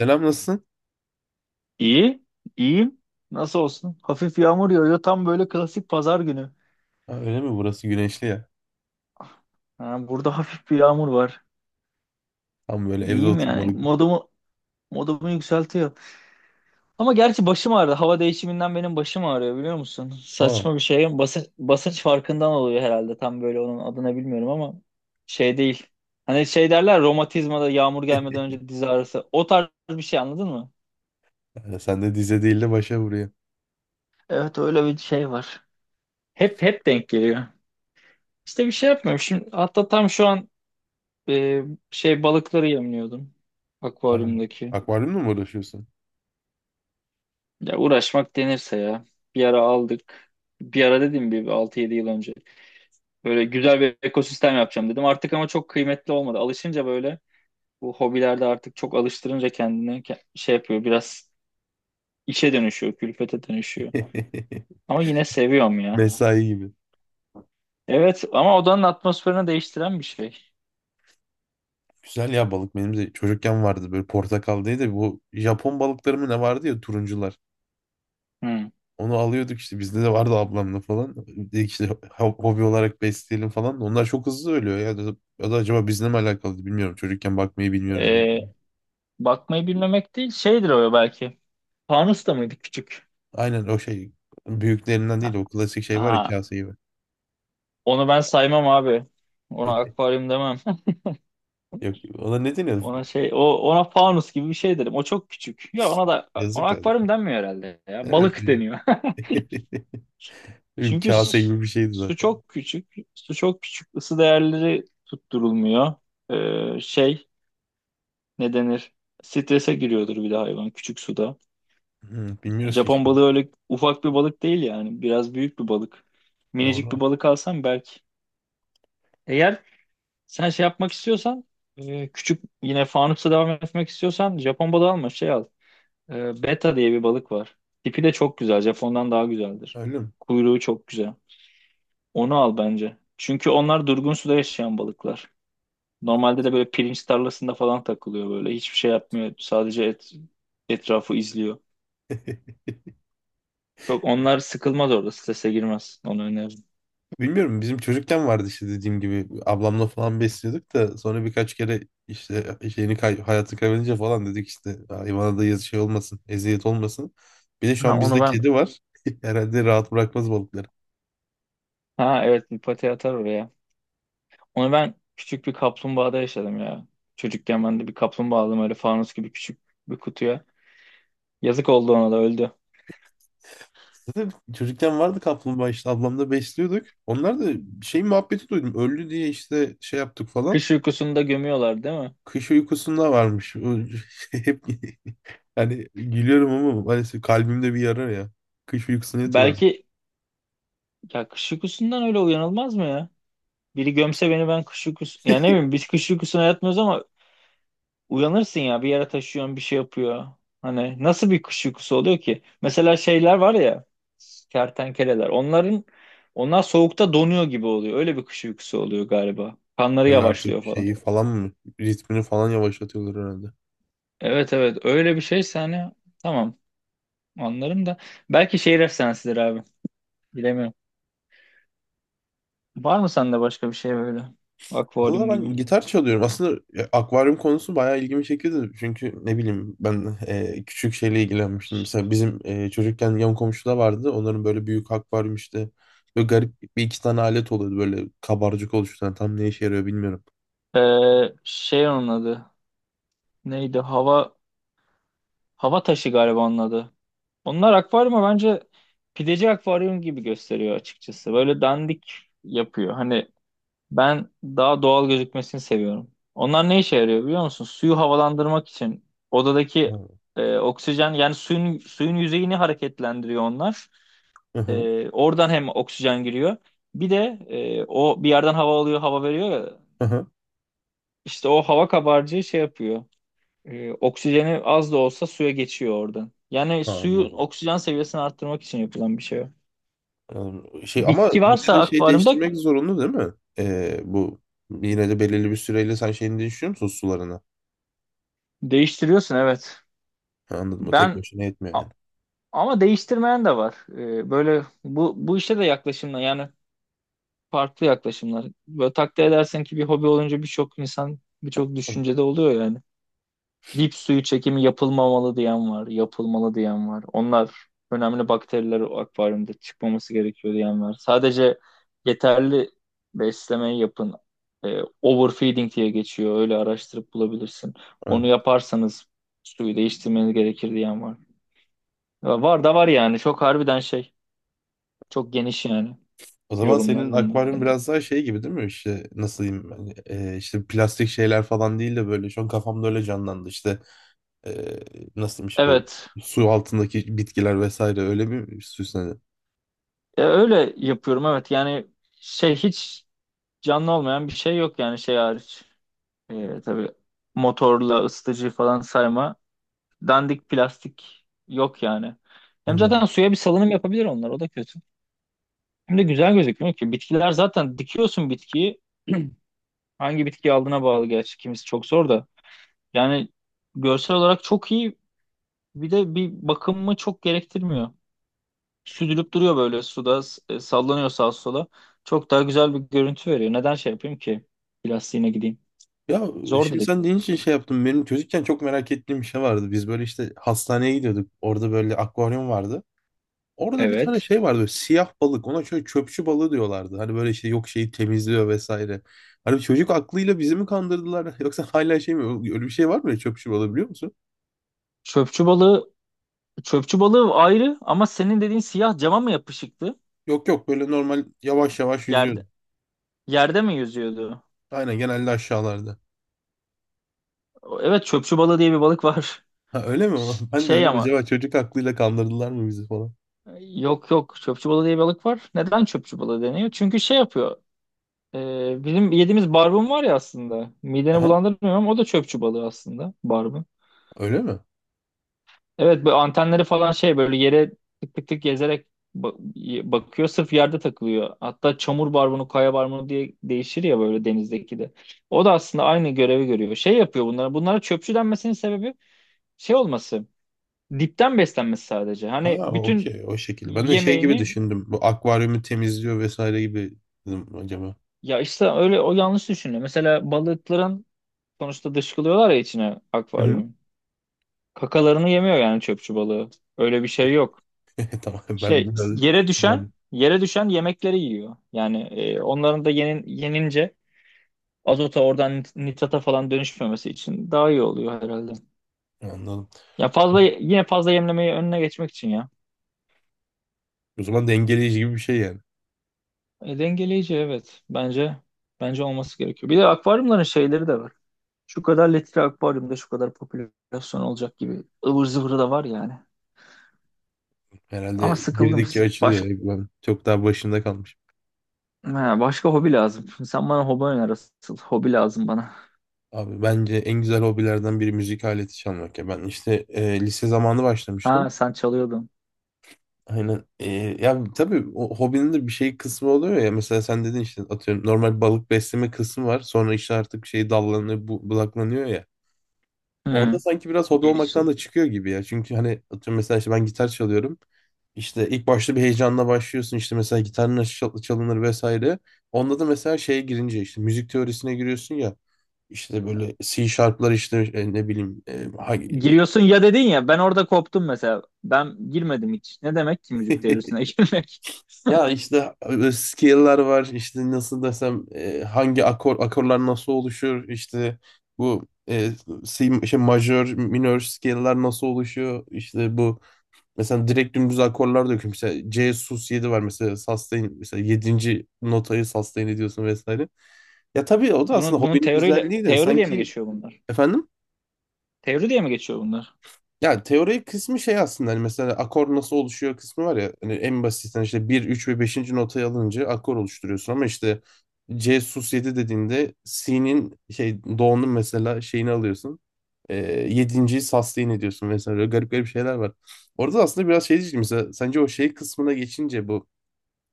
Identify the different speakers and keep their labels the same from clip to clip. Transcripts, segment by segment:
Speaker 1: Selam, nasılsın?
Speaker 2: İyi, iyiyim Nasıl olsun? Hafif yağmur yağıyor. Tam böyle klasik pazar günü.
Speaker 1: Ha, öyle mi? Burası güneşli ya.
Speaker 2: Ha, burada hafif bir yağmur var.
Speaker 1: Tam böyle evde
Speaker 2: İyiyim yani.
Speaker 1: oturmalık.
Speaker 2: Modumu yükseltiyor. Ama gerçi başım ağrıdı. Hava değişiminden benim başım ağrıyor, biliyor musun?
Speaker 1: Tamam.
Speaker 2: Saçma bir şey. Basınç farkından oluyor herhalde. Tam böyle onun adını bilmiyorum ama şey değil. Hani şey derler, romatizmada yağmur gelmeden önce diz ağrısı. O tarz bir şey, anladın mı?
Speaker 1: Yani sen de dize değil de başa vuruyor.
Speaker 2: Evet, öyle bir şey var. Hep denk geliyor. İşte bir şey yapmıyorum. Şimdi hatta tam şu an Ee, şey balıkları yemliyordum,
Speaker 1: Ha,
Speaker 2: akvaryumdaki.
Speaker 1: akvaryumla mı uğraşıyorsun?
Speaker 2: Ya, uğraşmak denirse ya. Bir ara aldık. Bir ara dedim, bir 6-7 yıl önce. Böyle güzel bir ekosistem yapacağım dedim. Artık ama çok kıymetli olmadı. Alışınca böyle, bu hobilerde artık çok alıştırınca kendini şey yapıyor. Biraz işe dönüşüyor, külfete dönüşüyor. Ama yine seviyorum ya.
Speaker 1: Mesai gibi.
Speaker 2: Evet, ama odanın atmosferini değiştiren bir şey.
Speaker 1: Güzel ya, balık benim de çocukken vardı, böyle portakaldaydı. Da Bu Japon balıkları mı ne vardı ya, turuncular.
Speaker 2: Hı.
Speaker 1: Onu alıyorduk, işte bizde de vardı ablamla falan. Dedik işte hobi olarak besleyelim falan. Onlar çok hızlı ölüyor ya. Ya da acaba bizle mi alakalı bilmiyorum. Çocukken bakmayı bilmiyoruz diye.
Speaker 2: Ee, Bakmayı bilmemek değil, şeydir o belki. Fanus da mıydı küçük?
Speaker 1: Aynen, o şey, büyüklerinden değil, o klasik şey var ya,
Speaker 2: Ha,
Speaker 1: kase gibi.
Speaker 2: onu ben saymam abi. Ona akvaryum demem.
Speaker 1: Yok, ona ne deniyordu?
Speaker 2: Ona şey, o ona fanus gibi bir şey derim. O çok küçük. Ya ona da, ona
Speaker 1: Yazık ya.
Speaker 2: akvaryum denmiyor herhalde ya. Balık
Speaker 1: Herhalde.
Speaker 2: deniyor.
Speaker 1: Bir
Speaker 2: Çünkü
Speaker 1: kase
Speaker 2: su,
Speaker 1: gibi bir şeydi
Speaker 2: su
Speaker 1: zaten.
Speaker 2: çok küçük. Su çok küçük. Isı değerleri tutturulmuyor. Şey, ne denir? Strese giriyordur bir de hayvan, küçük suda.
Speaker 1: Hı, bilmiyoruz ki
Speaker 2: Japon
Speaker 1: işte.
Speaker 2: balığı öyle ufak bir balık değil yani. Biraz büyük bir balık. Minicik bir
Speaker 1: Doğru.
Speaker 2: balık alsam belki. Eğer sen şey yapmak istiyorsan, küçük, yine fanusla devam etmek istiyorsan, Japon balığı alma, şey al. Beta diye bir balık var. Tipi de çok güzel. Japon'dan daha güzeldir.
Speaker 1: Öyle mi?
Speaker 2: Kuyruğu çok güzel. Onu al bence. Çünkü onlar durgun suda yaşayan balıklar. Normalde de böyle pirinç tarlasında falan takılıyor böyle. Hiçbir şey yapmıyor. Sadece etrafı izliyor. Çok onlar sıkılmaz orada. Strese girmez. Onu öneririm.
Speaker 1: Bilmiyorum, bizim çocukken vardı işte, dediğim gibi ablamla falan besliyorduk da sonra birkaç kere işte şeyini kay hayatı kaybedince falan dedik işte hayvana da yazı şey olmasın, eziyet olmasın. Bir de şu
Speaker 2: Ha,
Speaker 1: an
Speaker 2: onu
Speaker 1: bizde
Speaker 2: ben.
Speaker 1: kedi var. Herhalde rahat bırakmaz balıkları.
Speaker 2: Ha, evet, bir pati atar oraya. Onu ben küçük bir kaplumbağada yaşadım ya. Çocukken ben de bir kaplumbağa aldım, öyle fanus gibi küçük bir kutuya. Yazık oldu, ona da öldü.
Speaker 1: Zaten çocukken vardı kaplumbağa, işte ablamla besliyorduk. Onlar da şey muhabbeti duydum. Öldü diye işte şey yaptık falan.
Speaker 2: Kış uykusunda gömüyorlar değil mi?
Speaker 1: Kış uykusunda varmış. O hep, yani gülüyorum ama maalesef kalbimde bir yara ya. Kış uykusuna yatıyorlar.
Speaker 2: Belki, ya kış uykusundan öyle uyanılmaz mı ya? Biri gömse beni ben kış uykusu. Yani ne bileyim, biz kış uykusuna yatmıyoruz ama uyanırsın ya, bir yere taşıyorsun bir şey yapıyor. Hani nasıl bir kış uykusu oluyor ki? Mesela şeyler var ya, kertenkeleler, onlar soğukta donuyor gibi oluyor. Öyle bir kış uykusu oluyor galiba. Kanları
Speaker 1: Yani artık
Speaker 2: yavaşlıyor falan.
Speaker 1: şeyi falan mı, ritmini falan yavaşlatıyorlar herhalde.
Speaker 2: Evet, evet, öyle bir şeyse hani, tamam, anlarım da belki şehir efsanesidir abi, bilemiyorum. Var mı sende başka bir şey, böyle
Speaker 1: Valla
Speaker 2: akvaryum
Speaker 1: ben
Speaker 2: gibi?
Speaker 1: gitar çalıyorum. Aslında akvaryum konusu bayağı ilgimi çekiyordu. Çünkü ne bileyim ben, küçük şeyle ilgilenmiştim. Mesela bizim, çocukken yan komşuda vardı. Onların böyle büyük akvaryum işte. Böyle garip bir iki tane alet oluyordu. Böyle kabarcık oluşturan. Tam ne işe yarıyor bilmiyorum.
Speaker 2: Ee, Şey onun adı neydi, hava taşı galiba onun adı. Onlar akvaryumu bence pideci akvaryum gibi gösteriyor, açıkçası böyle dandik yapıyor hani. Ben daha doğal gözükmesini seviyorum. Onlar ne işe yarıyor biliyor musun? Suyu havalandırmak için, odadaki
Speaker 1: Ha.
Speaker 2: oksijen, yani suyun yüzeyini hareketlendiriyor onlar.
Speaker 1: Hı hı.
Speaker 2: Oradan hem oksijen giriyor. Bir de o bir yerden hava alıyor, hava veriyor ya.
Speaker 1: Hı hı.
Speaker 2: İşte o hava kabarcığı şey yapıyor. Oksijeni az da olsa suya geçiyor oradan. Yani
Speaker 1: Ha,
Speaker 2: suyun
Speaker 1: anladım.
Speaker 2: oksijen seviyesini arttırmak için yapılan bir şey o.
Speaker 1: Şey ama
Speaker 2: Bitki
Speaker 1: yine
Speaker 2: varsa
Speaker 1: de şey
Speaker 2: akvaryumda
Speaker 1: değiştirmek zorunda değil mi? Bu yine de belirli bir süreyle sen şeyini değiştiriyor musun, sularını?
Speaker 2: değiştiriyorsun, evet.
Speaker 1: Ha, anladım. O tek
Speaker 2: Ben
Speaker 1: başına yetmiyor yani.
Speaker 2: Ama değiştirmeyen de var. Böyle, bu işe de yaklaşımlar, yani farklı yaklaşımlar. Böyle takdir edersen ki, bir hobi olunca birçok insan birçok
Speaker 1: Tamam.
Speaker 2: düşüncede oluyor yani. Dip suyu çekimi yapılmamalı diyen var, yapılmalı diyen var. Onlar önemli bakteriler, o akvaryumda çıkmaması gerekiyor diyen var. Sadece yeterli beslemeyi yapın. Overfeeding diye geçiyor. Öyle araştırıp bulabilirsin.
Speaker 1: Evet.
Speaker 2: Onu yaparsanız suyu değiştirmeniz gerekir diyen var. Ya, var da var yani. Çok harbiden şey. Çok geniş yani
Speaker 1: O zaman
Speaker 2: yorumlar
Speaker 1: senin
Speaker 2: bunun
Speaker 1: akvaryum
Speaker 2: hakkında.
Speaker 1: biraz daha şey gibi değil mi? İşte nasıl diyeyim ben? İşte plastik şeyler falan değil de böyle şu an kafamda öyle canlandı. İşte ee, nasıl diyeyim işte bu
Speaker 2: Evet.
Speaker 1: su altındaki bitkiler vesaire öyle bir süsledi.
Speaker 2: Öyle yapıyorum, evet. Yani şey, hiç canlı olmayan bir şey yok yani, şey hariç. Tabii motorla ısıtıcı falan sayma. Dandik plastik yok yani. Hem zaten
Speaker 1: Anladım.
Speaker 2: suya bir salınım yapabilir onlar, o da kötü. Hem de güzel gözükmüyor ki. Bitkiler zaten, dikiyorsun bitkiyi. Hangi bitkiyi aldığına bağlı gerçi. Kimisi çok zor da. Yani görsel olarak çok iyi. Bir de bir bakımımı çok gerektirmiyor. Süzülüp duruyor böyle suda, sallanıyor sağa sola. Çok daha güzel bir görüntü veriyor. Neden şey yapayım ki? Plastiğine gideyim.
Speaker 1: Ya
Speaker 2: Zor
Speaker 1: şimdi
Speaker 2: dedik.
Speaker 1: sen deyince için şey yaptım. Benim çocukken çok merak ettiğim bir şey vardı. Biz böyle işte hastaneye gidiyorduk. Orada böyle akvaryum vardı. Orada bir tane
Speaker 2: Evet.
Speaker 1: şey vardı, böyle siyah balık, ona şöyle çöpçü balığı diyorlardı. Hani böyle işte yok şeyi temizliyor vesaire. Hani çocuk aklıyla bizi mi kandırdılar yoksa hala şey mi, öyle bir şey var mı ya, çöpçü balığı biliyor musun?
Speaker 2: Çöpçü balığı çöpçü balığı ayrı, ama senin dediğin siyah, cama mı yapışıktı?
Speaker 1: Yok yok, böyle normal yavaş yavaş yüzüyordu.
Speaker 2: Yerde yerde mi yüzüyordu?
Speaker 1: Aynen, genelde aşağılarda.
Speaker 2: Evet, çöpçü balığı diye bir balık var.
Speaker 1: Ha, öyle mi? O? Ben de
Speaker 2: Şey
Speaker 1: dedim
Speaker 2: ama,
Speaker 1: acaba çocuk aklıyla kandırdılar mı bizi falan.
Speaker 2: yok yok, çöpçü balığı diye bir balık var. Neden çöpçü balığı deniyor? Çünkü şey yapıyor. Bizim yediğimiz barbun var ya aslında. Mideni
Speaker 1: Aha,
Speaker 2: bulandırmıyorum ama o da çöpçü balığı aslında, barbun.
Speaker 1: öyle mi?
Speaker 2: Evet, bu antenleri falan şey böyle yere tık tık tık gezerek bakıyor, sırf yerde takılıyor. Hatta çamur barbunu, kaya barbunu diye değişir ya böyle, denizdeki de. O da aslında aynı görevi görüyor. Şey yapıyor bunlara. Bunlara çöpçü denmesinin sebebi şey olması. Dipten beslenmesi sadece. Hani
Speaker 1: Ha,
Speaker 2: bütün
Speaker 1: okey, o şekilde. Ben de şey gibi
Speaker 2: yemeğini,
Speaker 1: düşündüm. Bu akvaryumu temizliyor vesaire gibi, dedim acaba.
Speaker 2: ya işte öyle, o yanlış düşünüyor. Mesela balıkların sonuçta dışkılıyorlar ya içine
Speaker 1: Hı hı.
Speaker 2: akvaryumun. Kakalarını yemiyor yani çöpçü balığı. Öyle bir şey yok.
Speaker 1: Tamam, ben
Speaker 2: Şey,
Speaker 1: biraz...
Speaker 2: yere
Speaker 1: Yani,
Speaker 2: düşen yere düşen yemekleri yiyor. Yani onların da yenince azota, oradan nitrata falan dönüşmemesi için daha iyi oluyor herhalde.
Speaker 1: anladım.
Speaker 2: Ya, fazla, yine fazla yemlemeyi önüne geçmek için ya.
Speaker 1: O zaman dengeleyici gibi bir şey yani.
Speaker 2: Dengeleyici, evet. Bence olması gerekiyor. Bir de akvaryumların şeyleri de var. Şu kadar litre akvaryumda şu kadar popülasyon olacak gibi, ıvır zıvırı da var yani. Ama
Speaker 1: Herhalde
Speaker 2: sıkıldım.
Speaker 1: girdikçe açılıyor.
Speaker 2: Baş,
Speaker 1: Hani ben çok daha başında kalmış.
Speaker 2: ha, başka hobi lazım. Sen bana hobi öner asıl. Hobi lazım bana.
Speaker 1: Abi, bence en güzel hobilerden biri müzik aleti çalmak ya. Ben işte lise zamanı başlamıştım.
Speaker 2: Ha, sen çalıyordun.
Speaker 1: Aynen. Ya tabii o hobinin de bir şey kısmı oluyor ya. Mesela sen dedin işte, atıyorum, normal balık besleme kısmı var. Sonra işte artık şey dallanıyor, budaklanıyor ya.
Speaker 2: Hmm.
Speaker 1: Orada sanki biraz hobi olmaktan
Speaker 2: Genişle.
Speaker 1: da çıkıyor gibi ya. Çünkü hani atıyorum, mesela işte ben gitar çalıyorum. İşte ilk başta bir heyecanla başlıyorsun, işte mesela gitar nasıl çalınır vesaire. Onda da mesela şeye girince işte müzik teorisine giriyorsun ya. İşte böyle C sharp'lar işte, ne bileyim, hangi-
Speaker 2: Giriyorsun ya dedin ya, ben orada koptum mesela. Ben girmedim hiç. Ne demek ki müzik teorisine girmek?
Speaker 1: ya işte scale'lar var, işte nasıl desem, hangi akorlar nasıl oluşur, işte bu C, şey majör minör scale'lar nasıl oluşuyor işte bu. Mesela direkt dümdüz akorlar döküyorum. Mesela C sus 7 var mesela, sustain, mesela yedinci notayı sustain ediyorsun vesaire. Ya tabii o da aslında
Speaker 2: Bunun
Speaker 1: hobinin
Speaker 2: teoriyle,
Speaker 1: güzelliği de
Speaker 2: teori diye mi
Speaker 1: sanki,
Speaker 2: geçiyor bunlar?
Speaker 1: efendim,
Speaker 2: Teori diye mi geçiyor bunlar?
Speaker 1: ya teori kısmı şey aslında, hani mesela akor nasıl oluşuyor kısmı var ya, hani en basitten işte bir 3 ve beşinci notayı alınca akor oluşturuyorsun, ama işte C sus 7 dediğinde C'nin şey do'nun mesela şeyini alıyorsun. E, 7'yi.yi sustain ediyorsun vesaire. Böyle garip garip şeyler var. Orada da aslında biraz şey diyeceğim, mesela sence o şey kısmına geçince bu,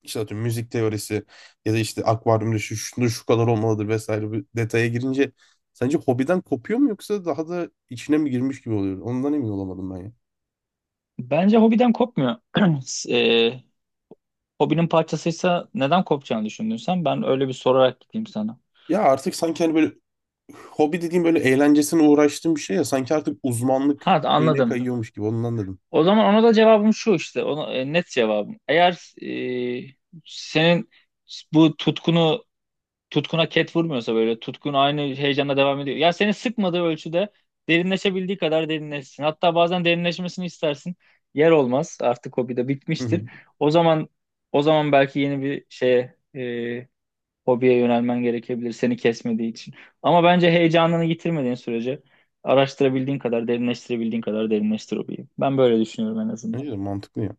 Speaker 1: İşte atıyorum müzik teorisi ya da işte akvaryumda şu, şunu şu kadar olmalıdır vesaire, bir detaya girince sence hobiden kopuyor mu yoksa daha da içine mi girmiş gibi oluyor? Ondan emin olamadım ben ya.
Speaker 2: Bence hobiden kopmuyor. Eee, Hobinin parçasıysa neden kopacağını düşündün sen? Ben öyle bir sorarak gideyim sana.
Speaker 1: Ya artık sanki hani böyle hobi dediğim böyle eğlencesine uğraştığım bir şey ya, sanki artık uzmanlık
Speaker 2: Ha,
Speaker 1: şeyine
Speaker 2: anladım.
Speaker 1: kayıyormuş gibi, ondan dedim.
Speaker 2: O zaman ona da cevabım şu işte. Ona, net cevabım. Eğer e, senin bu tutkuna ket vurmuyorsa, böyle tutkun aynı heyecanla devam ediyor. Ya seni sıkmadığı ölçüde derinleşebildiği kadar derinleşsin. Hatta bazen derinleşmesini istersin. Yer olmaz. Artık hobi de
Speaker 1: Hı
Speaker 2: bitmiştir.
Speaker 1: hı.
Speaker 2: O zaman o zaman belki yeni bir şeye, hobiye yönelmen gerekebilir, seni kesmediği için. Ama bence heyecanını yitirmediğin sürece, araştırabildiğin kadar, derinleştirebildiğin kadar derinleştir hobiyi. Ben böyle düşünüyorum en azından.
Speaker 1: Bence de mantıklı ya.